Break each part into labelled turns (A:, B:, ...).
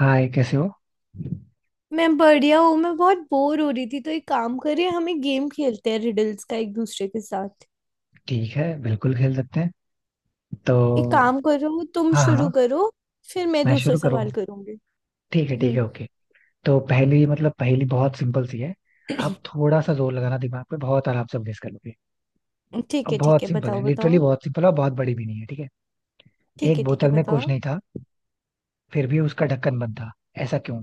A: हाय, कैसे हो?
B: मैं बढ़िया हूँ। मैं बहुत बोर हो रही थी, तो एक काम करें, हम एक गेम खेलते हैं रिडल्स का एक दूसरे के साथ।
A: ठीक है, बिल्कुल खेल सकते हैं। तो।
B: एक काम करो, तुम
A: हाँ,
B: शुरू
A: हाँ।
B: करो, फिर मैं
A: मैं
B: दूसरा
A: शुरू करूँ?
B: सवाल करूंगी।
A: ठीक है, ठीक
B: हम्म।
A: है, ओके। तो पहली बहुत सिंपल सी है। आप थोड़ा सा जोर लगाना, दिमाग पे बहुत आराम से अभ्यास कर लोगे।
B: ठीक
A: अब
B: है, ठीक
A: बहुत
B: है,
A: सिंपल है,
B: बताओ,
A: लिटरली
B: बताओ।
A: बहुत सिंपल है, और बहुत बड़ी भी नहीं है, ठीक है।
B: ठीक
A: एक
B: है, ठीक है,
A: बोतल में कुछ
B: बताओ।
A: नहीं था, फिर भी उसका ढक्कन बंद था। ऐसा क्यों?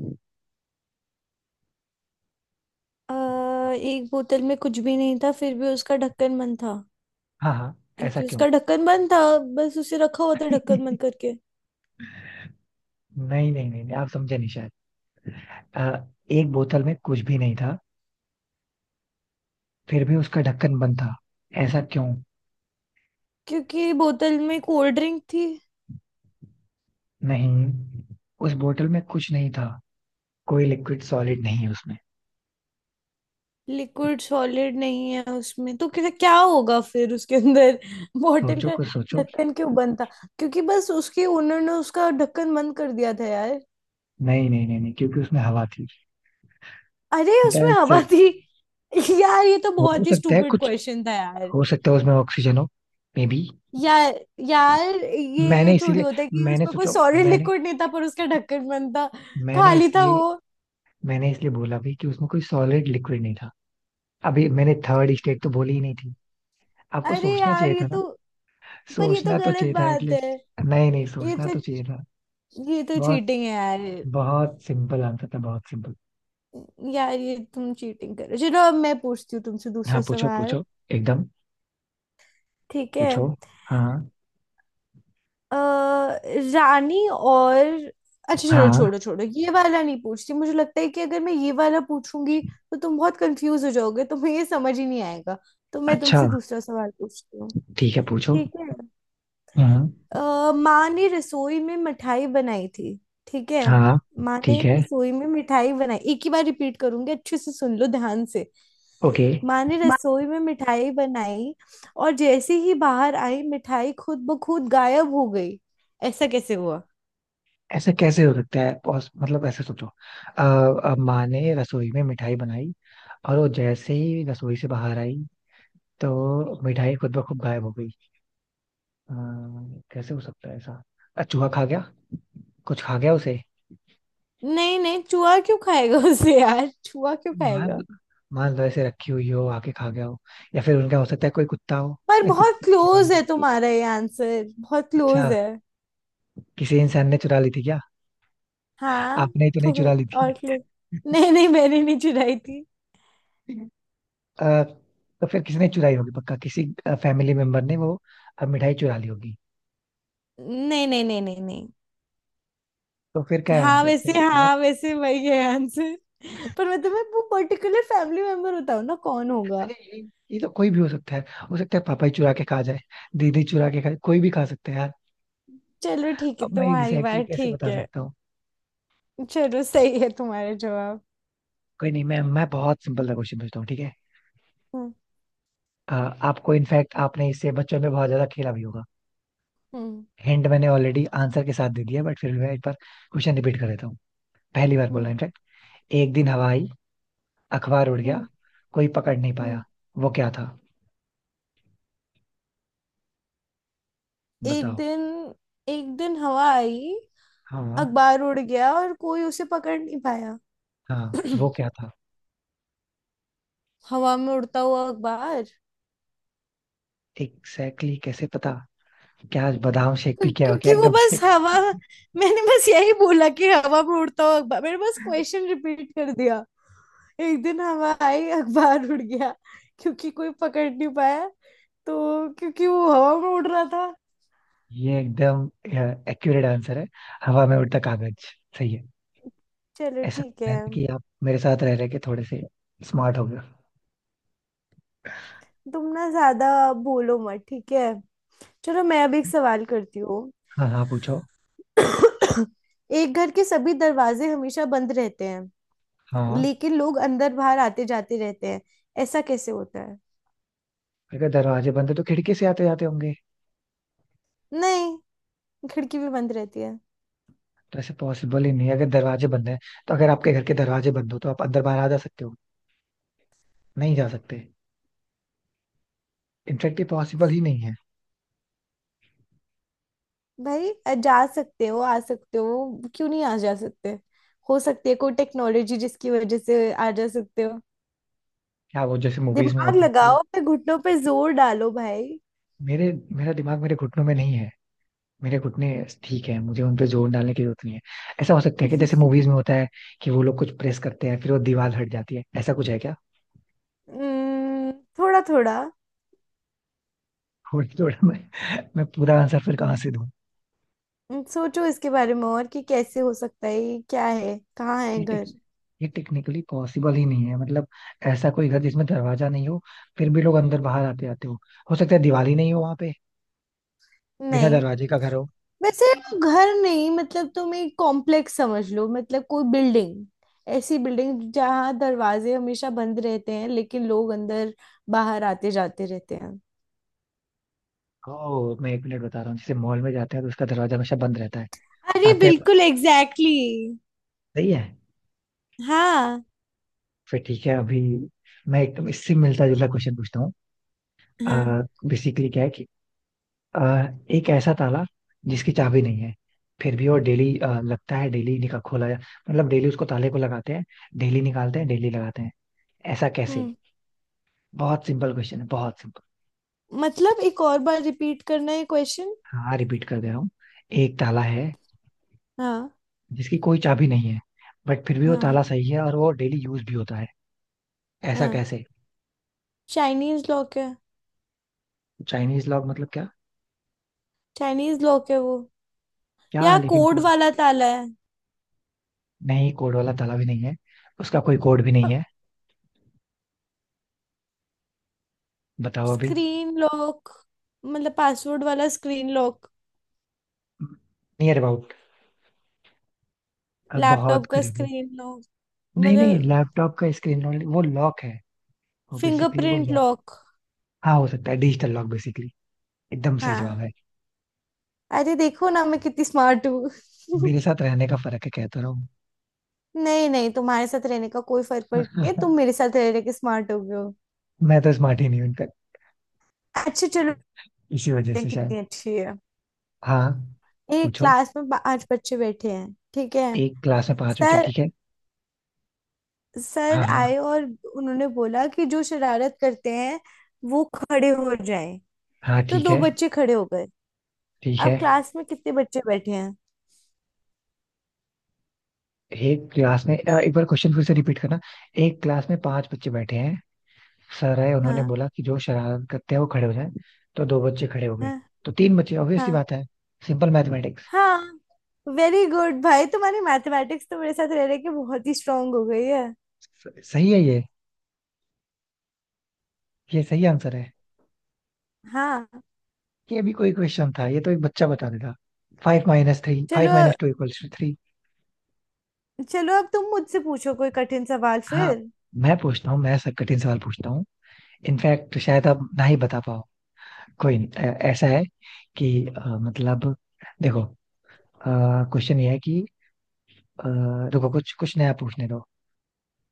B: एक बोतल में कुछ भी नहीं था, फिर भी उसका ढक्कन बंद था।
A: हाँ, हाँ। ऐसा
B: क्योंकि
A: क्यों?
B: उसका ढक्कन बंद था। बस उसे रखा हुआ था ढक्कन बंद करके।
A: नहीं, नहीं, नहीं, नहीं, आप समझे नहीं शायद। एक बोतल में कुछ भी नहीं था, फिर भी उसका ढक्कन बंद था। ऐसा क्यों?
B: क्योंकि बोतल में कोल्ड ड्रिंक थी।
A: नहीं, उस बोतल में कुछ नहीं था। कोई लिक्विड सॉलिड नहीं है उसमें।
B: लिक्विड सॉलिड नहीं है उसमें, तो क्या क्या होगा फिर उसके अंदर। बॉटल
A: सोचो,
B: का
A: कुछ सोचो।
B: ढक्कन क्यों बंद था? क्योंकि बस उसके ओनर ने उसका ढक्कन बंद कर दिया था यार।
A: नहीं, नहीं, नहीं, नहीं, क्योंकि उसमें हवा थी।
B: अरे, उसमें
A: दैट्स
B: हवा
A: इट।
B: थी। यार, ये तो
A: हो
B: बहुत ही
A: सकता है
B: स्टूपिड
A: कुछ।
B: क्वेश्चन था यार।
A: हो सकता है उसमें ऑक्सीजन हो। Maybe.
B: यार, यार ये
A: मैंने
B: थोड़ी
A: इसीलिए
B: होता है कि
A: मैंने
B: उसमें कोई
A: सोचो
B: सॉलिड
A: मैंने
B: लिक्विड नहीं था पर उसका ढक्कन बंद था।
A: मैंने
B: खाली था
A: इसलिए
B: वो।
A: मैंने इसलिए बोला भी कि उसमें कोई सॉलिड लिक्विड नहीं था। अभी मैंने थर्ड स्टेट तो बोली ही नहीं थी। आपको
B: अरे
A: सोचना
B: यार,
A: चाहिए
B: ये
A: था ना।
B: तो पर ये तो
A: सोचना तो
B: गलत
A: चाहिए था
B: बात है।
A: एटलीस्ट। नहीं, नहीं,
B: ये
A: सोचना
B: तो
A: तो चाहिए था।
B: ये तो
A: बहुत
B: चीटिंग है यार।
A: बहुत सिंपल आंसर था, बहुत सिंपल।
B: यार ये तुम चीटिंग कर रहे हो। चलो अब मैं पूछती हूँ तुमसे
A: हाँ,
B: दूसरा
A: पूछो,
B: सवाल।
A: पूछो। एकदम।
B: ठीक है।
A: पूछो। हाँ
B: अ, रानी और अच्छा, चलो,
A: हाँ।
B: छोड़ो, छोड़ो, ये वाला नहीं पूछती। मुझे लगता है कि अगर मैं ये वाला पूछूंगी तो तुम बहुत कंफ्यूज हो जाओगे, तुम्हें ये समझ ही नहीं आएगा। तो मैं
A: अच्छा।
B: तुमसे दूसरा सवाल पूछती हूँ।
A: ठीक है, पूछो।
B: ठीक है।
A: हम्म।
B: माँ ने रसोई में मिठाई बनाई थी। ठीक है।
A: हाँ।
B: माँ ने
A: ठीक है,
B: रसोई में मिठाई बनाई, एक ही बार रिपीट करूंगी, अच्छे से सुन लो ध्यान से।
A: ओके।
B: माँ ने
A: माँ।
B: रसोई में मिठाई बनाई, और जैसे ही बाहर आई मिठाई खुद ब खुद गायब हो गई। ऐसा कैसे हुआ?
A: ऐसा कैसे हो सकता है? मतलब ऐसे सोचो, माँ ने रसोई में मिठाई बनाई और वो जैसे ही रसोई से बाहर आई तो मिठाई खुद ब खुद गायब हो गई। अ, कैसे हो सकता है ऐसा? चूहा खा गया। कुछ खा गया उसे।
B: नहीं, नहीं, चूहा क्यों खाएगा उसे, यार चूहा क्यों
A: मान
B: खाएगा?
A: मान लो ऐसे रखी हुई हो, आके खा गया हो। या फिर उनका हो सकता है कोई कुत्ता हो।
B: पर
A: नहीं,
B: बहुत
A: कुत्ता।
B: क्लोज है तुम्हारा ये आंसर, बहुत क्लोज
A: अच्छा।
B: है।
A: किसी इंसान ने चुरा ली थी क्या?
B: हाँ।
A: आपने तो नहीं
B: थोड़ा
A: चुरा ली थी?
B: और क्लोज। नहीं, नहीं, मैंने नहीं चुराई थी।
A: अ, तो फिर किसने चुराई होगी? पक्का किसी फैमिली मेंबर ने वो मिठाई चुरा ली होगी।
B: नहीं, नहीं, नहीं, नहीं, नहीं।
A: तो फिर क्या है
B: हाँ
A: आंसर?
B: वैसे,
A: फिर बताओ आप।
B: हाँ वैसे वही है आंसर। पर मतलब मैं तुम्हें वो पर्टिकुलर फैमिली मेंबर बताऊँ ना कौन होगा?
A: अरे, ये तो कोई भी हो सकता है। हो सकता है पापा ही चुरा के खा जाए, दीदी चुरा के खाए, कोई भी खा सकता है यार।
B: चलो ठीक है,
A: अब मैं
B: तुम्हारी
A: एग्जैक्टली exactly
B: बात
A: कैसे
B: ठीक
A: बता
B: है।
A: सकता हूँ?
B: चलो, सही है तुम्हारा जवाब।
A: कोई नहीं, मैं बहुत सिंपल सा क्वेश्चन पूछता हूँ, ठीक है।
B: हम्म।
A: अ, आपको इनफैक्ट, आपने इससे बच्चों में बहुत ज्यादा खेला भी होगा।
B: हम्म।
A: हिंट मैंने ऑलरेडी आंसर के साथ दे दिया, बट फिर मैं एक बार क्वेश्चन रिपीट कर देता हूँ। पहली बार बोला
B: हम्म।
A: इनफैक्ट। एक दिन हवा आई, अखबार उड़ गया,
B: हम्म।
A: कोई पकड़ नहीं
B: हम्म।
A: पाया। वो क्या था?
B: एक
A: बताओ।
B: दिन एक दिन हवा आई,
A: हाँ,
B: अखबार उड़ गया और कोई उसे पकड़ नहीं पाया।
A: हाँ, वो क्या था?
B: हवा में उड़ता हुआ अखबार।
A: एग्जैक्टली exactly कैसे पता? क्या आज बादाम शेक पी के आओ क्या
B: क्योंकि वो
A: एकदम से?
B: बस हवा मैंने बस यही बोला कि हवा में उड़ता हुआ अखबार। मैंने बस क्वेश्चन रिपीट कर दिया। एक दिन हवा आई, अखबार उड़ गया, क्योंकि कोई पकड़ नहीं पाया, तो क्योंकि वो हवा में उड़ रहा था।
A: ये एकदम एक्यूरेट आंसर है, हवा में उड़ता कागज। सही है।
B: चलो
A: ऐसा
B: ठीक
A: लगता
B: है।
A: है ना कि आप मेरे साथ रह रहे के थोड़े से स्मार्ट हो गए।
B: तुम ना ज्यादा बोलो मत, ठीक है। चलो, मैं अब एक सवाल करती हूँ।
A: हाँ, हाँ, पूछो।
B: एक घर के सभी दरवाजे हमेशा बंद रहते हैं,
A: हाँ।
B: लेकिन लोग अंदर बाहर आते जाते रहते हैं। ऐसा कैसे होता है?
A: अगर दरवाजे बंद है तो खिड़की से आते जाते होंगे।
B: नहीं, खिड़की भी बंद रहती है।
A: तो ऐसे पॉसिबल ही नहीं है। अगर दरवाजे बंद है, तो अगर आपके घर के दरवाजे बंद हो तो आप अंदर बाहर आ जा सकते हो? नहीं जा सकते। इनफेक्ट ये पॉसिबल ही नहीं है।
B: भाई, जा सकते हो आ सकते हो, क्यों नहीं आ जा सकते? हो सकती है कोई टेक्नोलॉजी जिसकी वजह से आ जा सकते हो।
A: क्या वो जैसे मूवीज में
B: दिमाग
A: होता है कि
B: लगाओ, फिर घुटनों पे जोर डालो भाई।
A: मेरे मेरा दिमाग मेरे घुटनों में नहीं है। मेरे घुटने, ठीक है, मुझे उन पे जोर डालने की जरूरत नहीं है। ऐसा हो सकता है कि जैसे मूवीज में होता है कि वो लोग कुछ प्रेस करते हैं, फिर वो दीवार हट जाती है, ऐसा कुछ है क्या?
B: हम्म, थोड़ा थोड़ा।
A: थोड़ा थोड़ा। मैं पूरा आंसर फिर कहाँ से दूं?
B: सोचो इसके बारे में, और कि कैसे हो सकता है, ये क्या है, कहाँ है
A: ये टेक
B: घर।
A: ये टेक्निकली पॉसिबल ही नहीं है, मतलब ऐसा कोई घर जिसमें दरवाजा नहीं हो, फिर भी लोग अंदर बाहर आते आते हो। हो सकता है दिवाली नहीं हो वहां पे, बिना
B: नहीं,
A: दरवाजे का घर हो।
B: वैसे वो घर नहीं, मतलब तुम एक कॉम्प्लेक्स समझ लो, मतलब कोई बिल्डिंग। ऐसी बिल्डिंग जहाँ दरवाजे हमेशा बंद रहते हैं, लेकिन लोग अंदर बाहर आते जाते रहते हैं।
A: ओ, मैं एक मिनट बता रहा हूँ, जैसे मॉल में जाते हैं तो उसका दरवाजा हमेशा बंद रहता है,
B: अरे
A: आते
B: बिल्कुल
A: हैं।
B: एग्जैक्टली
A: सही है।
B: exactly. हाँ।
A: फिर ठीक है, अभी मैं एकदम इससे मिलता जुलता क्वेश्चन पूछता हूँ।
B: हाँ।
A: बेसिकली क्या है कि, अ, एक ऐसा ताला जिसकी चाबी नहीं है, फिर भी वो डेली लगता है, डेली निकाल खोला जा, मतलब डेली उसको ताले को लगाते हैं, डेली निकालते हैं, डेली लगाते हैं। ऐसा कैसे?
B: हम्म।
A: बहुत सिंपल क्वेश्चन है, बहुत सिंपल।
B: मतलब एक और बार रिपीट करना है क्वेश्चन?
A: हाँ, रिपीट कर दे रहा हूँ। एक ताला है
B: हाँ,
A: जिसकी कोई चाबी नहीं है, बट फिर भी वो
B: हाँ,
A: ताला सही है और वो डेली यूज भी होता है। ऐसा
B: हाँ।
A: कैसे?
B: चाइनीज लॉक है।
A: चाइनीज लॉक मतलब क्या?
B: चाइनीज लॉक है वो।
A: क्या?
B: या
A: लेकिन
B: कोड
A: क्या?
B: वाला ताला है।
A: नहीं, कोड वाला ताला भी नहीं है, उसका कोई कोड भी नहीं है। बताओ अभी।
B: स्क्रीन लॉक, मतलब पासवर्ड वाला स्क्रीन लॉक।
A: Near about. बहुत
B: लैपटॉप का
A: करीब हो।
B: स्क्रीन लॉक
A: नहीं, नहीं,
B: मतलब।
A: लैपटॉप का स्क्रीन रोल वो लॉक है, वो बेसिकली वो
B: फिंगरप्रिंट
A: लॉक।
B: लॉक।
A: हाँ, हो सकता है डिजिटल लॉक, बेसिकली एकदम सही जवाब
B: हाँ।
A: है।
B: अरे देखो ना, मैं कितनी स्मार्ट हूँ।
A: मेरे साथ रहने का फर्क है, कहता रहा हूँ।
B: नहीं, नहीं, तुम्हारे साथ रहने का कोई फर्क पड़ नहीं, तुम मेरे साथ रह रहे के स्मार्ट हो गए हो।
A: मैं तो स्मार्ट ही नहीं हूँ इनका,
B: अच्छा, चलो।
A: इसी वजह
B: हैं,
A: से शायद।
B: कितनी अच्छी है।
A: हाँ,
B: एक
A: पूछो।
B: क्लास में पांच बच्चे बैठे हैं, ठीक है।
A: एक क्लास में पांच बच्चे,
B: सर
A: ठीक है।
B: सर
A: हाँ, हाँ।
B: आए, और उन्होंने बोला कि जो शरारत करते हैं वो खड़े हो जाएं।
A: हाँ,
B: तो
A: ठीक
B: दो
A: है,
B: बच्चे खड़े हो गए।
A: ठीक
B: अब
A: है।
B: क्लास में कितने बच्चे बैठे हैं?
A: एक क्लास में एक बार क्वेश्चन फिर से रिपीट करना। एक क्लास में पांच बच्चे बैठे हैं, सर है, उन्होंने
B: हाँ,
A: बोला कि जो शरारत करते हैं वो खड़े हो जाए, तो दो बच्चे खड़े हो गए,
B: हाँ,
A: तो तीन बच्चे, ऑब्वियस सी
B: हाँ,
A: बात है, सिंपल मैथमेटिक्स।
B: हाँ। वेरी गुड भाई, तुम्हारी मैथमेटिक्स तो मेरे साथ रह रहे के बहुत ही स्ट्रांग हो गई है।
A: सही है, ये सही आंसर है।
B: हाँ।
A: ये भी कोई क्वेश्चन था, ये तो एक बच्चा बता देगा। फाइव माइनस थ्री,
B: चलो,
A: five minus two equals two three.
B: चलो, अब तुम मुझसे पूछो कोई कठिन सवाल
A: हाँ।
B: फिर।
A: मैं सब कठिन सवाल पूछता हूँ। इनफैक्ट शायद आप ना ही बता पाओ। कोई नहीं, ऐसा है कि, मतलब देखो, क्वेश्चन ये है कि, अ, रुको, कुछ कुछ नया पूछने दो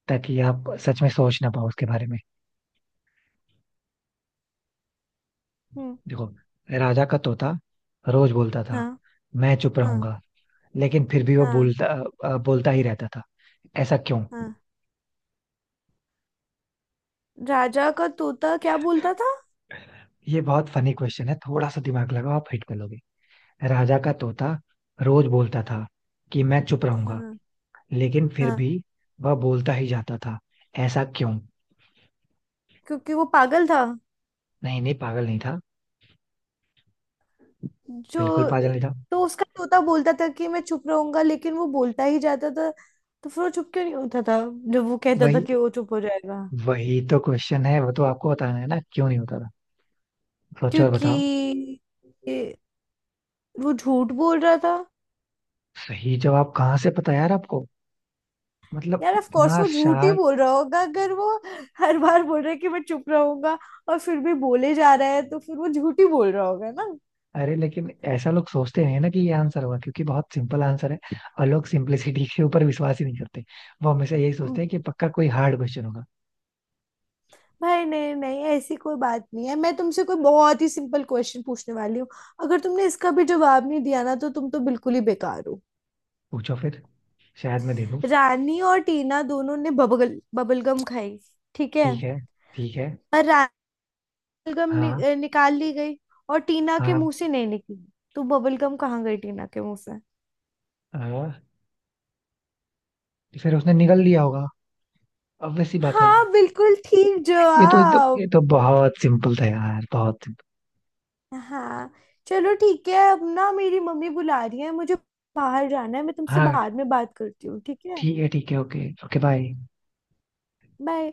A: ताकि आप सच में सोच ना पाओ उसके बारे में।
B: हम्म।
A: देखो, राजा का तोता रोज बोलता था,
B: हाँ,
A: मैं चुप
B: हाँ,
A: रहूंगा, लेकिन फिर भी वो
B: हाँ,
A: बोलता अ, बोलता ही रहता था। ऐसा क्यों?
B: हाँ। राजा का तोता क्या बोलता था?
A: ये बहुत फनी क्वेश्चन है, थोड़ा सा दिमाग लगाओ, आप हिट कर लोगे। राजा का तोता रोज बोलता था कि मैं चुप रहूंगा,
B: हाँ,
A: लेकिन फिर
B: हाँ।
A: भी वह बोलता ही जाता था। ऐसा क्यों?
B: क्योंकि वो पागल था।
A: नहीं, नहीं, पागल नहीं था, बिल्कुल
B: जो
A: पागल नहीं था।
B: तो उसका तोता बोलता था कि मैं चुप रहूंगा, लेकिन वो बोलता ही जाता था। तो फिर वो चुप क्यों नहीं होता था जब वो कहता था
A: वही,
B: कि वो चुप हो जाएगा?
A: वही तो क्वेश्चन है, वो तो आपको बताना है ना क्यों नहीं होता था। सोचो और
B: क्योंकि
A: बताओ।
B: ये- वो झूठ बोल रहा था।
A: सही जवाब कहाँ से पता यार आपको? मतलब
B: यार, ऑफ कोर्स
A: इतना
B: वो झूठ ही
A: शार्प!
B: बोल रहा होगा। अगर वो हर बार बोल रहा है कि मैं चुप रहूंगा और फिर भी बोले जा रहा है, तो फिर वो झूठ ही बोल रहा होगा।
A: अरे, लेकिन ऐसा लोग सोचते नहीं है ना कि ये आंसर होगा, क्योंकि बहुत सिंपल आंसर है, और लोग सिंपलिसिटी के ऊपर विश्वास ही नहीं करते। वो हमेशा यही
B: ना
A: सोचते हैं कि पक्का कोई हार्ड क्वेश्चन होगा।
B: भाई, नहीं, नहीं, ऐसी कोई बात नहीं है। मैं तुमसे कोई बहुत ही सिंपल क्वेश्चन पूछने वाली हूँ। अगर तुमने इसका भी जवाब नहीं दिया ना, तो तुम तो बिल्कुल ही बेकार हो।
A: पूछो फिर, शायद मैं दे दूं।
B: रानी और टीना दोनों ने बबल बबल गम खाई, ठीक है।
A: ठीक है, ठीक है।
B: और रानी गम
A: हाँ,
B: निकाल ली गई, और टीना के
A: हाँ,
B: मुंह से नहीं निकली। तो बबल गम कहाँ गई टीना के मुंह से?
A: हाँ। फिर उसने निगल लिया होगा, obvious सी बात है।
B: हाँ, बिल्कुल ठीक
A: ये
B: जवाब।
A: तो बहुत सिंपल था यार, बहुत simple।
B: हाँ। चलो ठीक है, अब ना मेरी मम्मी बुला रही है, मुझे बाहर जाना है, मैं तुमसे
A: हाँ।
B: बाद में बात करती हूँ, ठीक है?
A: ठीक है, ठीक है, ओके, ओके, बाय।
B: बाय।